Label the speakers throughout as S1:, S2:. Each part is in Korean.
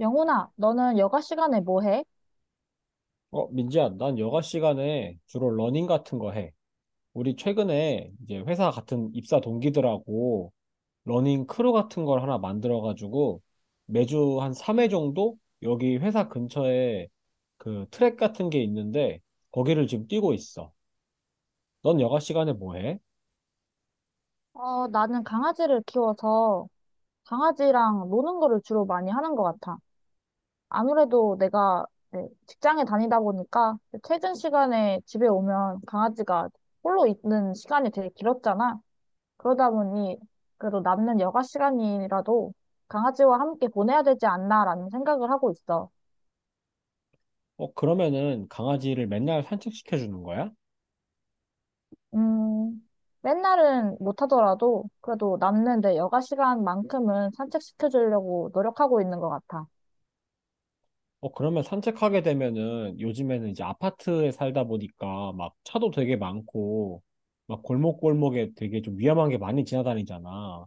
S1: 영훈아, 너는 여가 시간에 뭐 해?
S2: 어, 민지야, 난 여가 시간에 주로 러닝 같은 거 해. 우리 최근에 이제 회사 같은 입사 동기들하고 러닝 크루 같은 걸 하나 만들어가지고 매주 한 3회 정도 여기 회사 근처에 그 트랙 같은 게 있는데 거기를 지금 뛰고 있어. 넌 여가 시간에 뭐 해?
S1: 어, 나는 강아지를 키워서 강아지랑 노는 거를 주로 많이 하는 것 같아. 아무래도 내가 이제 직장에 다니다 보니까 퇴근 시간에 집에 오면 강아지가 홀로 있는 시간이 되게 길었잖아. 그러다 보니 그래도 남는 여가 시간이라도 강아지와 함께 보내야 되지 않나라는 생각을 하고 있어.
S2: 어, 그러면은 강아지를 맨날 산책시켜 주는 거야?
S1: 음, 맨날은 못하더라도 그래도 남는 내 여가 시간만큼은 산책시켜주려고 노력하고 있는 것 같아.
S2: 어, 그러면 산책하게 되면은 요즘에는 이제 아파트에 살다 보니까 막 차도 되게 많고 막 골목골목에 되게 좀 위험한 게 많이 지나다니잖아.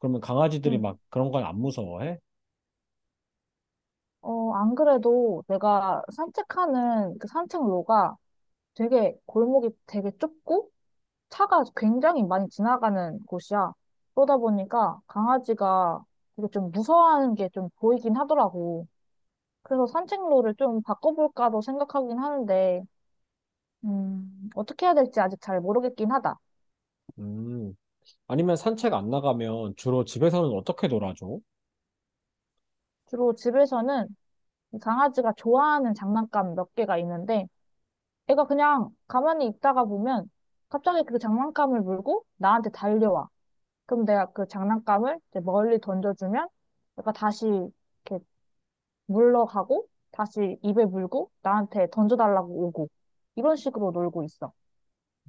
S2: 그러면 강아지들이
S1: 응.
S2: 막 그런 건 안 무서워해?
S1: 어, 안 그래도 내가 산책하는 그 산책로가 되게 골목이 되게 좁고 차가 굉장히 많이 지나가는 곳이야. 그러다 보니까 강아지가 되게 좀 무서워하는 게 좀 보이긴 하더라고. 그래서 산책로를 좀 바꿔볼까도 생각하긴 하는데, 어떻게 해야 될지 아직 잘 모르겠긴 하다.
S2: 음. 아니면 산책 안 나가면 주로 집에서는 어떻게 놀아줘?
S1: 주로 집에서는 강아지가 좋아하는 장난감 몇 개가 있는데 애가 그냥 가만히 있다가 보면 갑자기 그 장난감을 물고 나한테 달려와. 그럼 내가 그 장난감을 이제 멀리 던져주면 얘가 다시 이렇게 물러가고 다시 입에 물고 나한테 던져달라고 오고 이런 식으로 놀고 있어.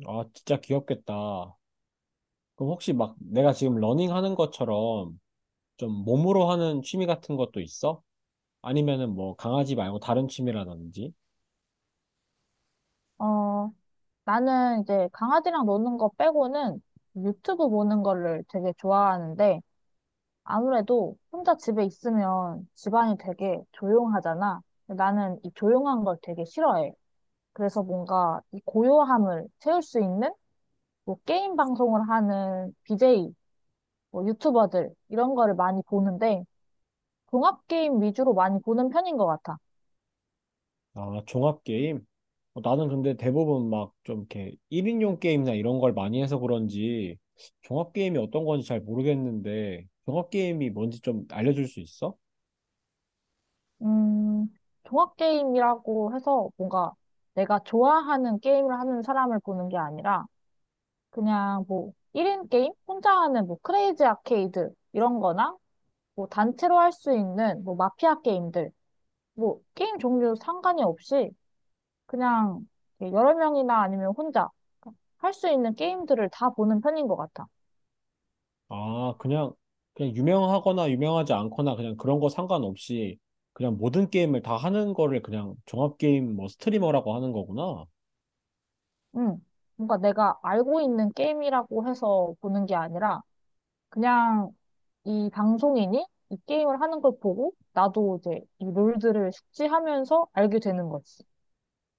S2: 아, 진짜 귀엽겠다. 그럼 혹시 막 내가 지금 러닝 하는 것처럼 좀 몸으로 하는 취미 같은 것도 있어? 아니면은 뭐 강아지 말고 다른 취미라든지?
S1: 어, 나는 이제 강아지랑 노는 거 빼고는 유튜브 보는 거를 되게 좋아하는데 아무래도 혼자 집에 있으면 집안이 되게 조용하잖아. 근데 나는 이 조용한 걸 되게 싫어해. 그래서 뭔가 이 고요함을 채울 수 있는 뭐 게임 방송을 하는 BJ, 뭐 유튜버들 이런 거를 많이 보는데 종합 게임 위주로 많이 보는 편인 것 같아.
S2: 아, 종합 게임? 어, 나는 근데 대부분 막 좀 이렇게 1인용 게임이나 이런 걸 많이 해서 그런지 종합 게임이 어떤 건지 잘 모르겠는데 종합 게임이 뭔지 좀 알려줄 수 있어?
S1: 음, 종합 게임이라고 해서 뭔가 내가 좋아하는 게임을 하는 사람을 보는 게 아니라 그냥 뭐 1인 게임? 혼자 하는 뭐 크레이지 아케이드 이런 거나 뭐 단체로 할 수 있는 뭐 마피아 게임들, 뭐 게임 종류 상관이 없이 그냥 여러 명이나 아니면 혼자 할 수 있는 게임들을 다 보는 편인 것 같아.
S2: 아, 그냥 유명하거나 유명하지 않거나 그냥 그런 거 상관없이 그냥 모든 게임을 다 하는 거를 그냥 종합 게임 뭐 스트리머라고 하는 거구나.
S1: 응. 뭔가 내가 알고 있는 게임이라고 해서 보는 게 아니라 그냥 이 방송인이 이 게임을 하는 걸 보고 나도 이제 이 룰들을 숙지하면서 알게 되는 거지.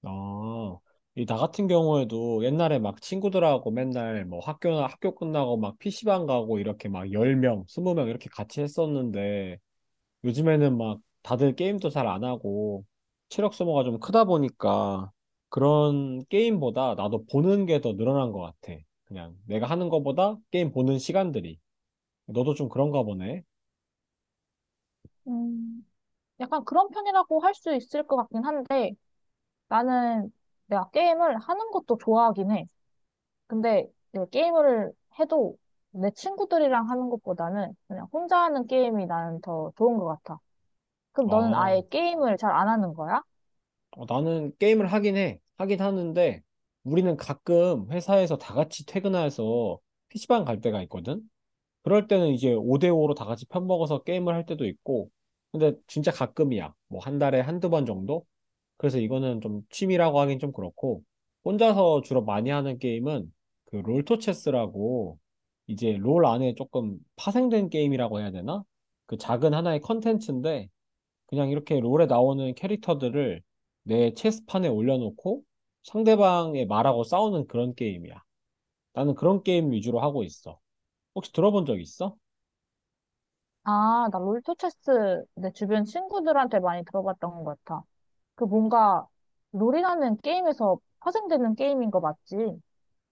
S2: 아, 이 나 같은 경우에도 옛날에 막 친구들하고 맨날 뭐 학교나 학교 끝나고 막 PC방 가고 이렇게 막 10명, 20명 이렇게 같이 했었는데 요즘에는 막 다들 게임도 잘 안 하고 체력 소모가 좀 크다 보니까 그런 게임보다 나도 보는 게 더 늘어난 것 같아. 그냥 내가 하는 것보다 게임 보는 시간들이. 너도 좀 그런가 보네.
S1: 음, 약간 그런 편이라고 할 수 있을 것 같긴 한데 나는 내가 게임을 하는 것도 좋아하긴 해. 근데 이제 게임을 해도 내 친구들이랑 하는 것보다는 그냥 혼자 하는 게임이 나는 더 좋은 것 같아. 그럼 너는
S2: 아.
S1: 아예 게임을 잘 안 하는 거야?
S2: 어, 나는 게임을 하긴 해. 하긴 하는데, 우리는 가끔 회사에서 다 같이 퇴근해서 피시방 갈 때가 있거든? 그럴 때는 이제 5대5로 다 같이 편먹어서 게임을 할 때도 있고, 근데 진짜 가끔이야. 뭐 한 달에 1~2번 정도? 그래서 이거는 좀 취미라고 하긴 좀 그렇고, 혼자서 주로 많이 하는 게임은 그 롤토체스라고, 이제 롤 안에 조금 파생된 게임이라고 해야 되나? 그 작은 하나의 컨텐츠인데, 그냥 이렇게 롤에 나오는 캐릭터들을 내 체스판에 올려놓고 상대방의 말하고 싸우는 그런 게임이야. 나는 그런 게임 위주로 하고 있어. 혹시 들어본 적 있어?
S1: 아, 나 롤토체스 내 주변 친구들한테 많이 들어봤던 것 같아. 그 뭔가 롤이라는 게임에서 파생되는 게임인 거 맞지?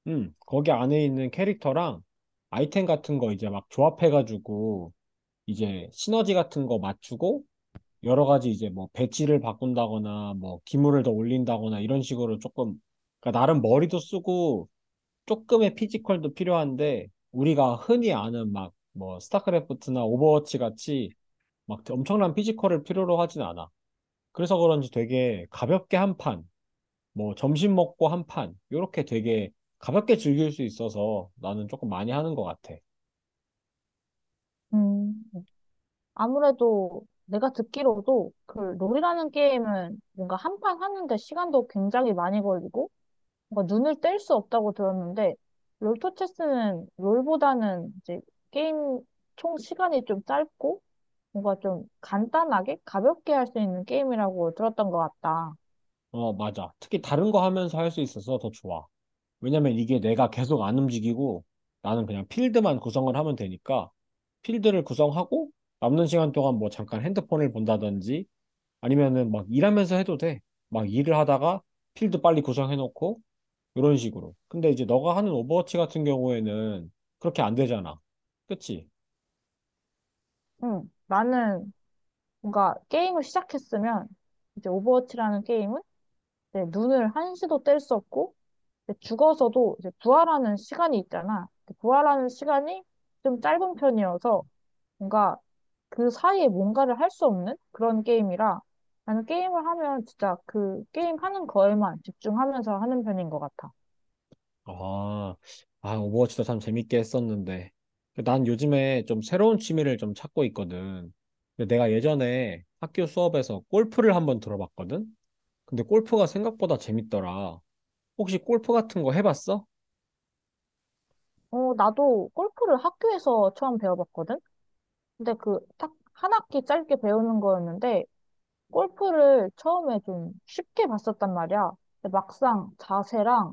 S2: 응, 거기 안에 있는 캐릭터랑 아이템 같은 거 이제 막 조합해가지고 이제 시너지 같은 거 맞추고 여러 가지 이제 뭐 배치를 바꾼다거나 뭐 기물을 더 올린다거나 이런 식으로 조금 그러니까 나름 머리도 쓰고 조금의 피지컬도 필요한데 우리가 흔히 아는 막 뭐 스타크래프트나 오버워치 같이 막 엄청난 피지컬을 필요로 하진 않아. 그래서 그런지 되게 가볍게 한 판, 뭐 점심 먹고 한 판, 요렇게 되게 가볍게 즐길 수 있어서 나는 조금 많이 하는 것 같아.
S1: 음, 아무래도 내가 듣기로도 그 롤이라는 게임은 뭔가 한 판 하는데 시간도 굉장히 많이 걸리고 뭔가 눈을 뗄 수 없다고 들었는데 롤토 체스는 롤보다는 이제 게임 총 시간이 좀 짧고 뭔가 좀 간단하게 가볍게 할 수 있는 게임이라고 들었던 것 같다.
S2: 어, 맞아. 특히 다른 거 하면서 할 수 있어서 더 좋아. 왜냐면 이게 내가 계속 안 움직이고 나는 그냥 필드만 구성을 하면 되니까 필드를 구성하고 남는 시간 동안 뭐 잠깐 핸드폰을 본다든지 아니면은 막 일하면서 해도 돼. 막 일을 하다가 필드 빨리 구성해놓고 이런 식으로. 근데 이제 너가 하는 오버워치 같은 경우에는 그렇게 안 되잖아. 그치?
S1: 응. 나는 뭔가 게임을 시작했으면 이제 오버워치라는 게임은 이제 눈을 한시도 뗄 수 없고 이제 죽어서도 이제 부활하는 시간이 있잖아. 그 부활하는 시간이 좀 짧은 편이어서 뭔가 그 사이에 뭔가를 할 수 없는 그런 게임이라 나는 게임을 하면 진짜 그 게임 하는 거에만 집중하면서 하는 편인 것 같아.
S2: 아, 아, 오버워치도 참 재밌게 했었는데. 난 요즘에 좀 새로운 취미를 좀 찾고 있거든. 근데 내가 예전에 학교 수업에서 골프를 한번 들어봤거든? 근데 골프가 생각보다 재밌더라. 혹시 골프 같은 거 해봤어?
S1: 어, 나도 골프를 학교에서 처음 배워봤거든? 근데 그 딱 한 학기 짧게 배우는 거였는데 골프를 처음에 좀 쉽게 봤었단 말이야. 근데 막상 자세랑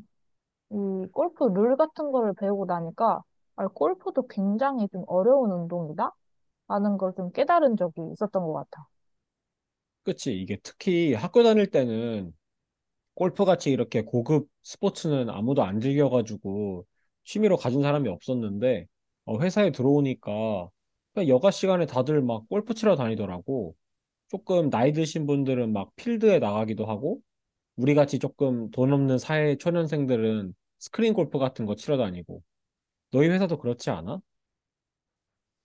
S1: 이 골프 룰 같은 거를 배우고 나니까 아, 골프도 굉장히 좀 어려운 운동이다? 라는 걸 좀 깨달은 적이 있었던 것 같아.
S2: 그치? 이게 특히 학교 다닐 때는 골프같이 이렇게 고급 스포츠는 아무도 안 즐겨가지고 취미로 가진 사람이 없었는데 어, 회사에 들어오니까 그냥 여가 시간에 다들 막 골프 치러 다니더라고. 조금 나이 드신 분들은 막 필드에 나가기도 하고 우리 같이 조금 돈 없는 사회 초년생들은 스크린 골프 같은 거 치러 다니고 너희 회사도 그렇지 않아?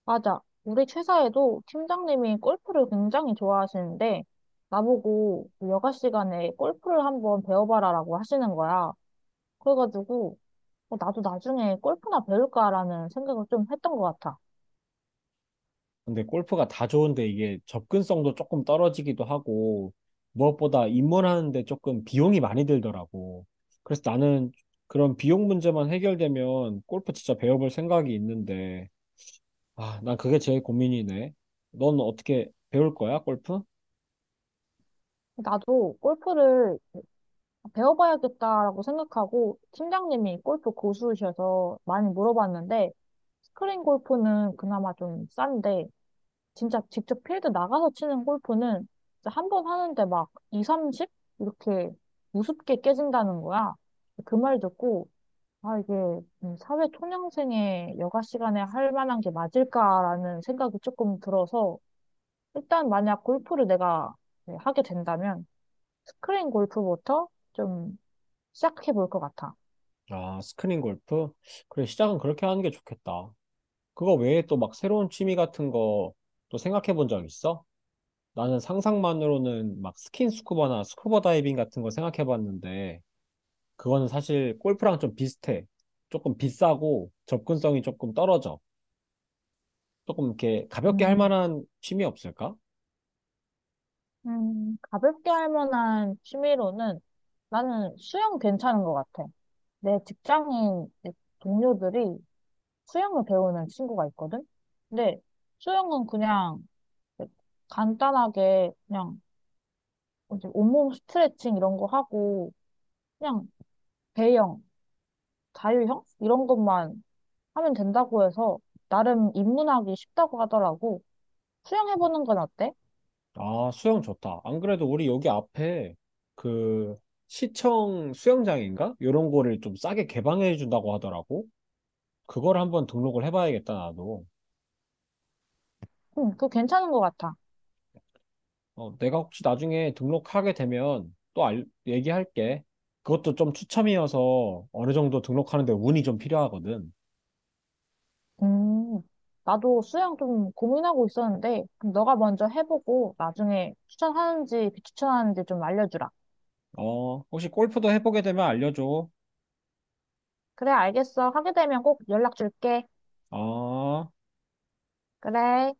S1: 맞아. 우리 최사에도 팀장님이 골프를 굉장히 좋아하시는데, 나보고 그 여가 시간에 골프를 한번 배워봐라라고 하시는 거야. 그래가지고, 어, 나도 나중에 골프나 배울까라는 생각을 좀 했던 것 같아.
S2: 근데 골프가 다 좋은데 이게 접근성도 조금 떨어지기도 하고 무엇보다 입문하는데 조금 비용이 많이 들더라고. 그래서 나는 그런 비용 문제만 해결되면 골프 진짜 배워볼 생각이 있는데 아, 난 그게 제일 고민이네. 넌 어떻게 배울 거야, 골프?
S1: 나도 골프를 배워봐야겠다라고 생각하고, 팀장님이 골프 고수이셔서 많이 물어봤는데, 스크린 골프는 그나마 좀 싼데, 진짜 직접 필드 나가서 치는 골프는 한 번 하는데 막 2, 30? 이렇게 우습게 깨진다는 거야. 그 말 듣고, 아, 이게 사회 초년생의 여가 시간에 할 만한 게 맞을까라는 생각이 조금 들어서, 일단 만약 골프를 내가 네, 하게 된다면, 스크린 골프부터 좀 시작해 볼 것 같아.
S2: 아, 스크린 골프? 그래, 시작은 그렇게 하는 게 좋겠다. 그거 외에 또 막 새로운 취미 같은 거 또 생각해 본 적 있어? 나는 상상만으로는 막 스킨 스쿠버나 스쿠버 다이빙 같은 거 생각해 봤는데 그거는 사실 골프랑 좀 비슷해. 조금 비싸고 접근성이 조금 떨어져. 조금 이렇게 가볍게 할
S1: 음,
S2: 만한 취미 없을까?
S1: 가볍게 할 만한 취미로는 나는 수영 괜찮은 것 같아. 내 직장인 동료들이 수영을 배우는 친구가 있거든? 근데 수영은 그냥 간단하게 그냥 이제 온몸 스트레칭 이런 거 하고 그냥 배영, 자유형 이런 것만 하면 된다고 해서 나름 입문하기 쉽다고 하더라고. 수영해보는 건 어때?
S2: 아, 수영 좋다. 안 그래도 우리 여기 앞에 그 시청 수영장인가? 요런 거를 좀 싸게 개방해 준다고 하더라고. 그걸 한번 등록을 해봐야겠다, 나도.
S1: 응, 그거 괜찮은 것 같아.
S2: 어, 내가 혹시 나중에 등록하게 되면 또 얘기할게. 그것도 좀 추첨이어서 어느 정도 등록하는데 운이 좀 필요하거든.
S1: 음, 나도 수영 좀 고민하고 있었는데 그럼 너가 먼저 해보고 나중에 추천하는지 비추천하는지 좀 알려주라.
S2: 어, 혹시 골프도 해보게 되면 알려줘.
S1: 그래, 알겠어. 하게 되면 꼭 연락 줄게.
S2: 어.
S1: 그래.